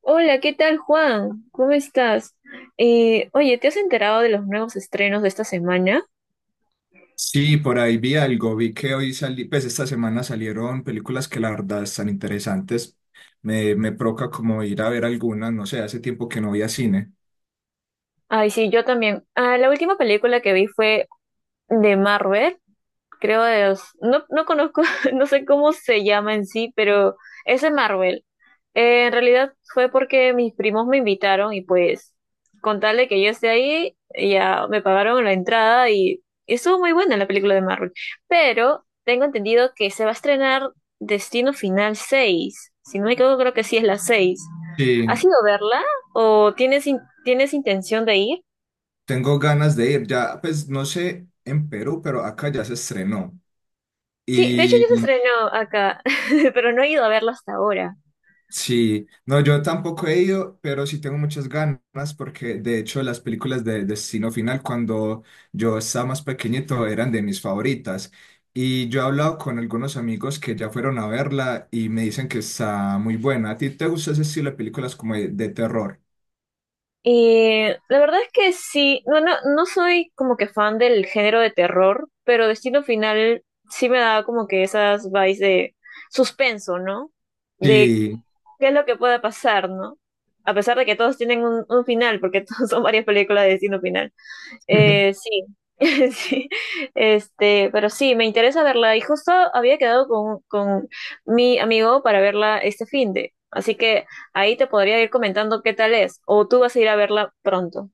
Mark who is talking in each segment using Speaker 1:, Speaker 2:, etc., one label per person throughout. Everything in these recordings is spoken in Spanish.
Speaker 1: Hola, ¿qué tal, Juan? ¿Cómo estás? Oye, ¿te has enterado de los nuevos estrenos de esta semana?
Speaker 2: Sí, por ahí vi algo, vi que hoy salí, pues esta semana salieron películas que la verdad están interesantes. Me provoca como ir a ver algunas, no sé, hace tiempo que no voy a cine.
Speaker 1: Ay, sí, yo también. Ah, la última película que vi fue de Marvel. Creo de los, no, no conozco, no sé cómo se llama en sí, pero es de Marvel. En realidad fue porque mis primos me invitaron y pues con tal de que yo esté ahí, ya me pagaron la entrada y estuvo muy buena la película de Marvel. Pero tengo entendido que se va a estrenar Destino Final seis. Si no me equivoco, creo que sí es la seis. ¿Has
Speaker 2: Sí,
Speaker 1: ido a verla o tienes, tienes intención de ir?
Speaker 2: tengo ganas de ir, ya, pues no sé en Perú, pero acá ya se estrenó.
Speaker 1: Sí, de hecho ya se estrenó acá, pero no he ido a verla hasta ahora.
Speaker 2: Sí, no, yo tampoco he ido, pero sí tengo muchas ganas porque de hecho las películas de Destino Final cuando yo estaba más pequeñito eran de mis favoritas y yo he hablado con algunos amigos que ya fueron a verla y me dicen que está muy buena. ¿A ti te gusta ese estilo de películas como de terror?
Speaker 1: La verdad es que sí, no, no, no soy como que fan del género de terror, pero Destino Final sí me da como que esas vibes de suspenso, ¿no? De
Speaker 2: Sí.
Speaker 1: qué es lo que pueda pasar, ¿no? A pesar de que todos tienen un final, porque todos son varias películas de Destino Final. Sí, sí, este, pero sí, me interesa verla. Y justo había quedado con mi amigo para verla este fin de. Así que ahí te podría ir comentando qué tal es. O tú vas a ir a verla pronto.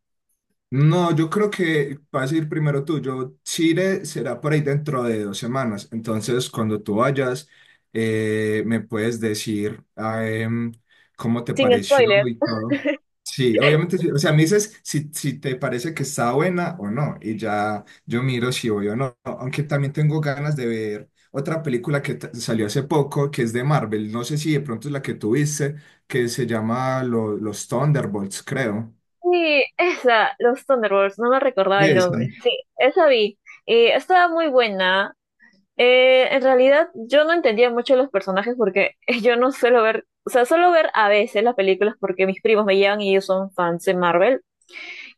Speaker 2: No, yo creo que vas a ir primero tú. Yo, Chile será por ahí dentro de dos semanas. Entonces, cuando tú vayas, me puedes decir ah, cómo te
Speaker 1: Sin
Speaker 2: pareció
Speaker 1: spoiler.
Speaker 2: y todo. Sí, obviamente, sí. O sea, me dices si, si te parece que está buena o no. Y ya yo miro si voy o no. Aunque también tengo ganas de ver otra película que salió hace poco, que es de Marvel. No sé si de pronto es la que tú viste, que se llama Los Thunderbolts, creo.
Speaker 1: Sí, esa, los Thunderbolts, no me recordaba el
Speaker 2: Esa.
Speaker 1: nombre. Sí, esa vi. Y estaba muy buena. En realidad, yo no entendía mucho los personajes porque yo no suelo ver, o sea, suelo ver a veces las películas porque mis primos me llevan y ellos son fans de Marvel.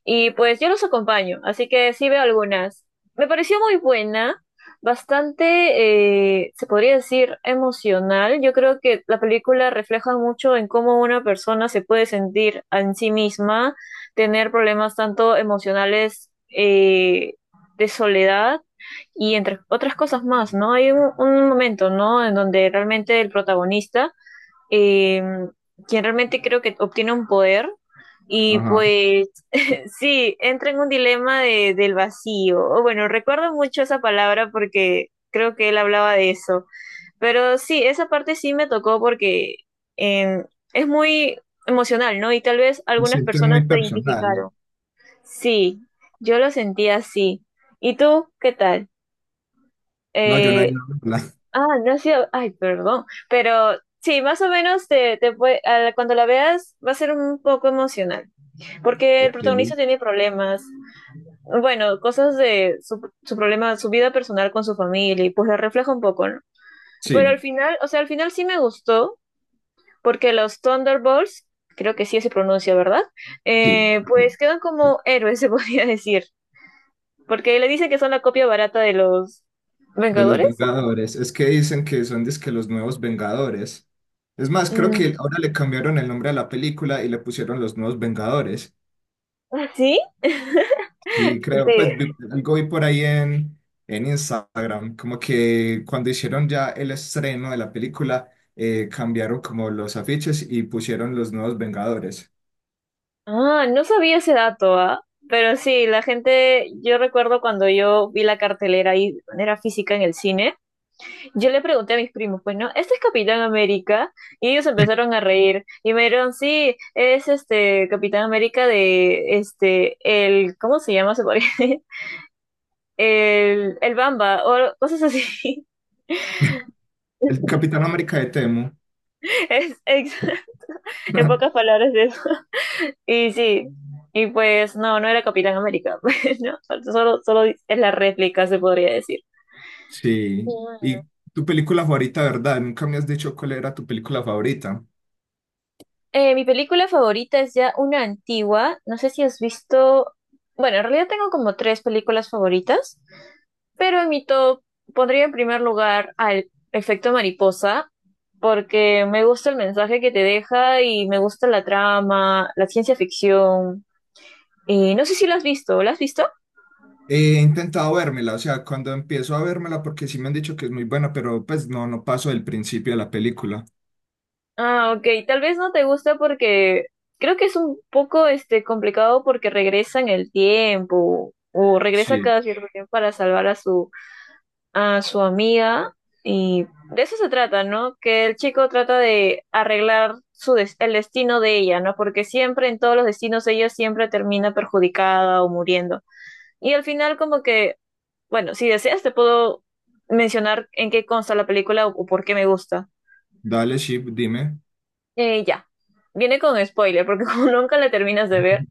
Speaker 1: Y pues yo los acompaño, así que sí veo algunas. Me pareció muy buena, bastante, se podría decir, emocional. Yo creo que la película refleja mucho en cómo una persona se puede sentir en sí misma, tener problemas tanto emocionales de soledad y entre otras cosas más, ¿no? Hay un momento, ¿no? En donde realmente el protagonista eh, quien realmente creo que obtiene un poder y
Speaker 2: Ajá.
Speaker 1: pues sí, entra en un dilema del vacío. O bueno, recuerdo mucho esa palabra porque creo que él hablaba de eso, pero sí, esa parte sí me tocó porque eh, es muy emocional, ¿no? Y tal vez
Speaker 2: Me
Speaker 1: algunas
Speaker 2: siento
Speaker 1: personas
Speaker 2: muy
Speaker 1: se
Speaker 2: personal.
Speaker 1: identificaron. Sí, yo lo sentía así. ¿Y tú qué tal?
Speaker 2: No, yo no he ido
Speaker 1: Eh,
Speaker 2: a verla.
Speaker 1: Ah, no ha sido, ay, perdón, pero sí, más o menos te, cuando la veas va a ser un poco emocional, porque el
Speaker 2: Ok.
Speaker 1: protagonista tiene problemas, bueno, cosas de su problema, su vida personal con su familia, y pues la refleja un poco, ¿no? Pero
Speaker 2: Sí,
Speaker 1: al final, o sea, al final sí me gustó, porque los Thunderbolts, creo que sí se pronuncia, ¿verdad?
Speaker 2: sí, sí.
Speaker 1: Pues quedan como héroes, se podría decir, porque le dicen que son la copia barata de los
Speaker 2: De los
Speaker 1: Vengadores.
Speaker 2: Vengadores. Es que dicen que son dizque los nuevos Vengadores. Es más, creo
Speaker 1: Mm,
Speaker 2: que ahora le cambiaron el nombre a la película y le pusieron los nuevos Vengadores.
Speaker 1: ¿sí?
Speaker 2: Y creo,
Speaker 1: Sí.
Speaker 2: pues algo vi por ahí en Instagram, como que cuando hicieron ya el estreno de la película, cambiaron como los afiches y pusieron los nuevos Vengadores.
Speaker 1: Ah, no sabía ese dato, ¿ah? Pero sí, la gente, yo recuerdo cuando yo vi la cartelera ahí de manera física en el cine, yo le pregunté a mis primos, pues no, ¿este es Capitán América? Y ellos empezaron a reír y me dijeron, sí, es este Capitán América de, este, el, ¿cómo se llama? ¿Se podría decir? El Bamba o cosas así.
Speaker 2: El Capitán América de Temo.
Speaker 1: Es, es- en pocas palabras eso. Y sí, y pues no, no era Capitán América, pues, ¿no? Solo, solo es la réplica, se podría decir.
Speaker 2: Sí,
Speaker 1: Mm.
Speaker 2: y tu película favorita, ¿verdad? Nunca me has dicho cuál era tu película favorita.
Speaker 1: Mi película favorita es ya una antigua. No sé si has visto. Bueno, en realidad tengo como tres películas favoritas, pero en mi top pondría en primer lugar al efecto mariposa, porque me gusta el mensaje que te deja y me gusta la trama, la ciencia ficción. Y no sé si la has visto. ¿La has visto?
Speaker 2: He intentado vérmela, o sea, cuando empiezo a vérmela, porque sí me han dicho que es muy buena, pero pues no, no paso del principio de la película.
Speaker 1: Ah, ok. Tal vez no te gusta porque creo que es un poco este complicado porque regresa en el tiempo o regresa
Speaker 2: Sí,
Speaker 1: cada cierto tiempo para salvar a su amiga y de eso se trata, ¿no? Que el chico trata de arreglar el destino de ella, ¿no? Porque siempre en todos los destinos ella siempre termina perjudicada o muriendo. Y al final como que, bueno, si deseas te puedo mencionar en qué consta la película o por qué me gusta.
Speaker 2: dale, Ship, dime.
Speaker 1: Ya, viene con spoiler, porque como nunca la terminas de ver,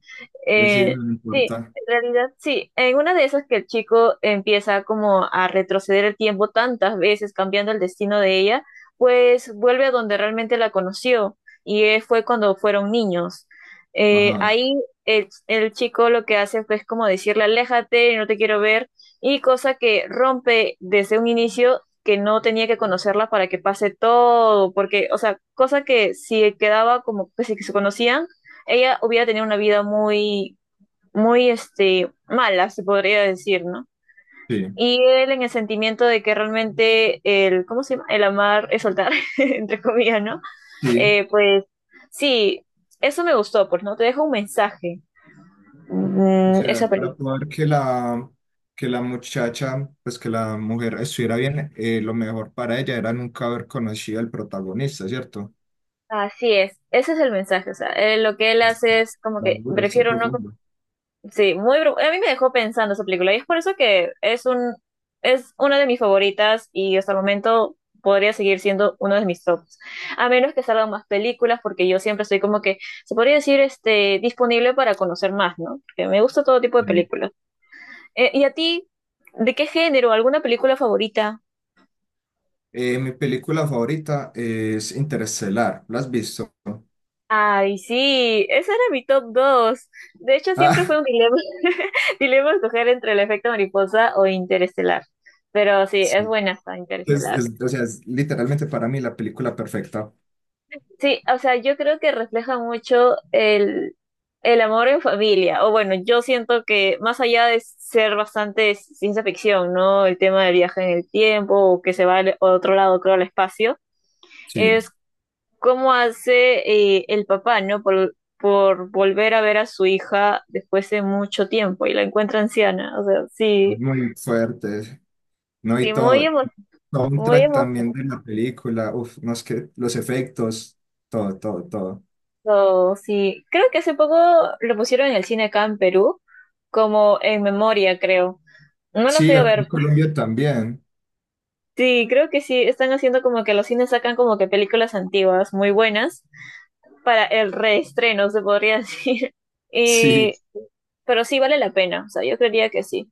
Speaker 2: Es decir,
Speaker 1: eh,
Speaker 2: no me
Speaker 1: sí,
Speaker 2: importa.
Speaker 1: en realidad sí, en una de esas que el chico empieza como a retroceder el tiempo tantas veces, cambiando el destino de ella, pues vuelve a donde realmente la conoció, y fue cuando fueron niños.
Speaker 2: Ajá,
Speaker 1: Ahí el chico lo que hace fue como decirle, aléjate, no te quiero ver, y cosa que rompe desde un inicio que no tenía que conocerla para que pase todo, porque, o sea, cosa que si quedaba como que si se conocían, ella hubiera tenido una vida muy, muy, este, mala, se podría decir, ¿no?
Speaker 2: sí,
Speaker 1: Y él en el sentimiento de que realmente el, ¿cómo se llama? El amar es soltar, entre comillas, ¿no?
Speaker 2: sí.
Speaker 1: Pues sí, eso me gustó, pues, ¿no? Te deja un mensaje,
Speaker 2: O sea,
Speaker 1: esa
Speaker 2: para
Speaker 1: película.
Speaker 2: poder que la muchacha, pues que la mujer estuviera bien, lo mejor para ella era nunca haber conocido al protagonista, ¿cierto?
Speaker 1: Así es, ese es el mensaje, o sea, lo que él hace
Speaker 2: Seguro,
Speaker 1: es como
Speaker 2: está
Speaker 1: que
Speaker 2: duro, está
Speaker 1: prefiero no.
Speaker 2: profundo.
Speaker 1: Sí, a mí me dejó pensando esa película y es por eso que es una de mis favoritas y hasta el momento podría seguir siendo uno de mis tops. A menos que salgan más películas porque yo siempre estoy como que, se podría decir, este, disponible para conocer más, ¿no? Porque me gusta todo tipo de películas. ¿Y a ti, de qué género? ¿Alguna película favorita?
Speaker 2: Mi película favorita es Interestelar. ¿La has visto?
Speaker 1: Ay, sí, ese era mi top dos. De hecho, siempre
Speaker 2: Ah,
Speaker 1: fue un dilema, dilema escoger entre el efecto mariposa o Interestelar. Pero sí, es
Speaker 2: sí.
Speaker 1: buena esta Interestelar.
Speaker 2: O sea, es literalmente para mí la película perfecta.
Speaker 1: Sí, o sea, yo creo que refleja mucho el amor en familia. O bueno, yo siento que más allá de ser bastante ciencia ficción, ¿no? El tema del viaje en el tiempo o que se va a otro lado, creo, al espacio
Speaker 2: Sí, es
Speaker 1: cómo hace el papá, ¿no? Por volver a ver a su hija después de mucho tiempo y la encuentra anciana. O sea, sí,
Speaker 2: muy fuerte. No, y
Speaker 1: sí,
Speaker 2: todo. Todo un
Speaker 1: muy
Speaker 2: track también de la película. Uf, no es que los efectos, todo, todo, todo.
Speaker 1: emocionado. Sí, creo que hace poco lo pusieron en el cine acá en Perú, como en memoria, creo. No lo
Speaker 2: Sí,
Speaker 1: fui a
Speaker 2: acá en
Speaker 1: ver.
Speaker 2: Colombia también.
Speaker 1: Sí, creo que sí, están haciendo como que los cines sacan como que películas antiguas muy buenas para el reestreno, se podría decir. Y,
Speaker 2: Sí,
Speaker 1: pero sí vale la pena, o sea, yo creería que sí.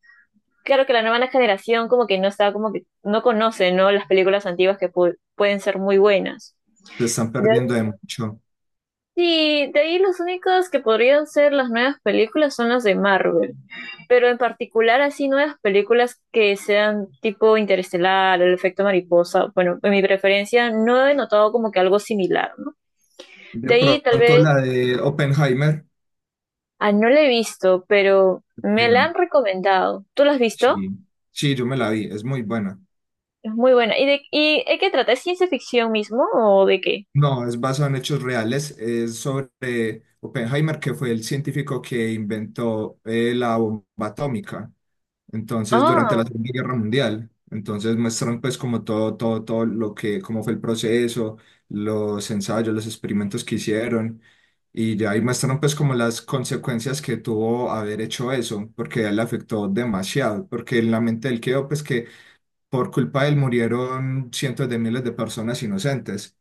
Speaker 1: Claro que la nueva generación como que no está, como que no conoce, ¿no? Las películas antiguas que pueden ser muy buenas.
Speaker 2: se están
Speaker 1: De ahí,
Speaker 2: perdiendo de mucho.
Speaker 1: sí, de ahí los únicos que podrían ser las nuevas películas son las de Marvel, pero en particular así nuevas películas que sean tipo Interestelar, El efecto mariposa, bueno, en mi preferencia no he notado como que algo similar, ¿no?
Speaker 2: De
Speaker 1: De ahí tal
Speaker 2: pronto
Speaker 1: vez,
Speaker 2: la de Oppenheimer.
Speaker 1: ah, no la he visto, pero me la
Speaker 2: Bueno,
Speaker 1: han recomendado. ¿Tú la has
Speaker 2: sí.
Speaker 1: visto?
Speaker 2: Sí, yo me la vi. Es muy buena.
Speaker 1: Es muy buena. ¿Y y de qué trata? ¿Es ciencia ficción mismo o de qué?
Speaker 2: No, es basado en hechos reales. Es sobre Oppenheimer, que fue el científico que inventó la bomba atómica. Entonces, durante
Speaker 1: Ah,
Speaker 2: la Segunda Guerra Mundial. Entonces, muestran pues como todo, todo, todo lo que, cómo fue el proceso, los ensayos, los experimentos que hicieron. Y ya ahí muestran pues como las consecuencias que tuvo haber hecho eso, porque a él le afectó demasiado, porque en la mente él quedó pues que por culpa de él murieron cientos de miles de personas inocentes.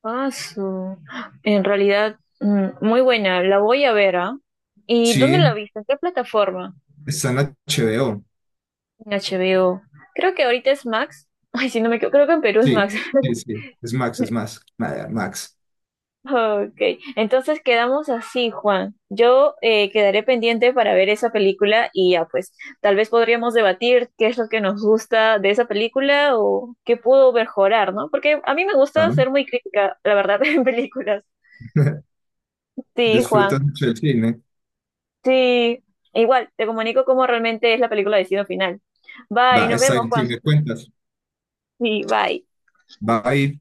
Speaker 1: paso. En realidad, muy buena. La voy a ver, ¿ah? ¿Y dónde la
Speaker 2: Sí,
Speaker 1: viste? ¿En qué plataforma?
Speaker 2: está en HBO.
Speaker 1: En HBO. Creo que ahorita es Max. Ay, si no me equivoco, creo que en Perú es
Speaker 2: Sí,
Speaker 1: Max.
Speaker 2: sí, sí. Es Max, es más. Nada, Max.
Speaker 1: Ok, entonces quedamos así, Juan. Yo quedaré pendiente para ver esa película y ya, pues, tal vez podríamos debatir qué es lo que nos gusta de esa película o qué pudo mejorar, ¿no? Porque a mí me gusta
Speaker 2: Claro.
Speaker 1: ser muy crítica, la verdad, en películas. Sí,
Speaker 2: Disfrutas
Speaker 1: Juan.
Speaker 2: mucho del cine.
Speaker 1: Sí, igual, te comunico cómo realmente es la película de Destino Final. Bye,
Speaker 2: Va,
Speaker 1: nos
Speaker 2: está
Speaker 1: vemos,
Speaker 2: bien, si
Speaker 1: Juan.
Speaker 2: me cuentas.
Speaker 1: Sí, bye.
Speaker 2: Bye.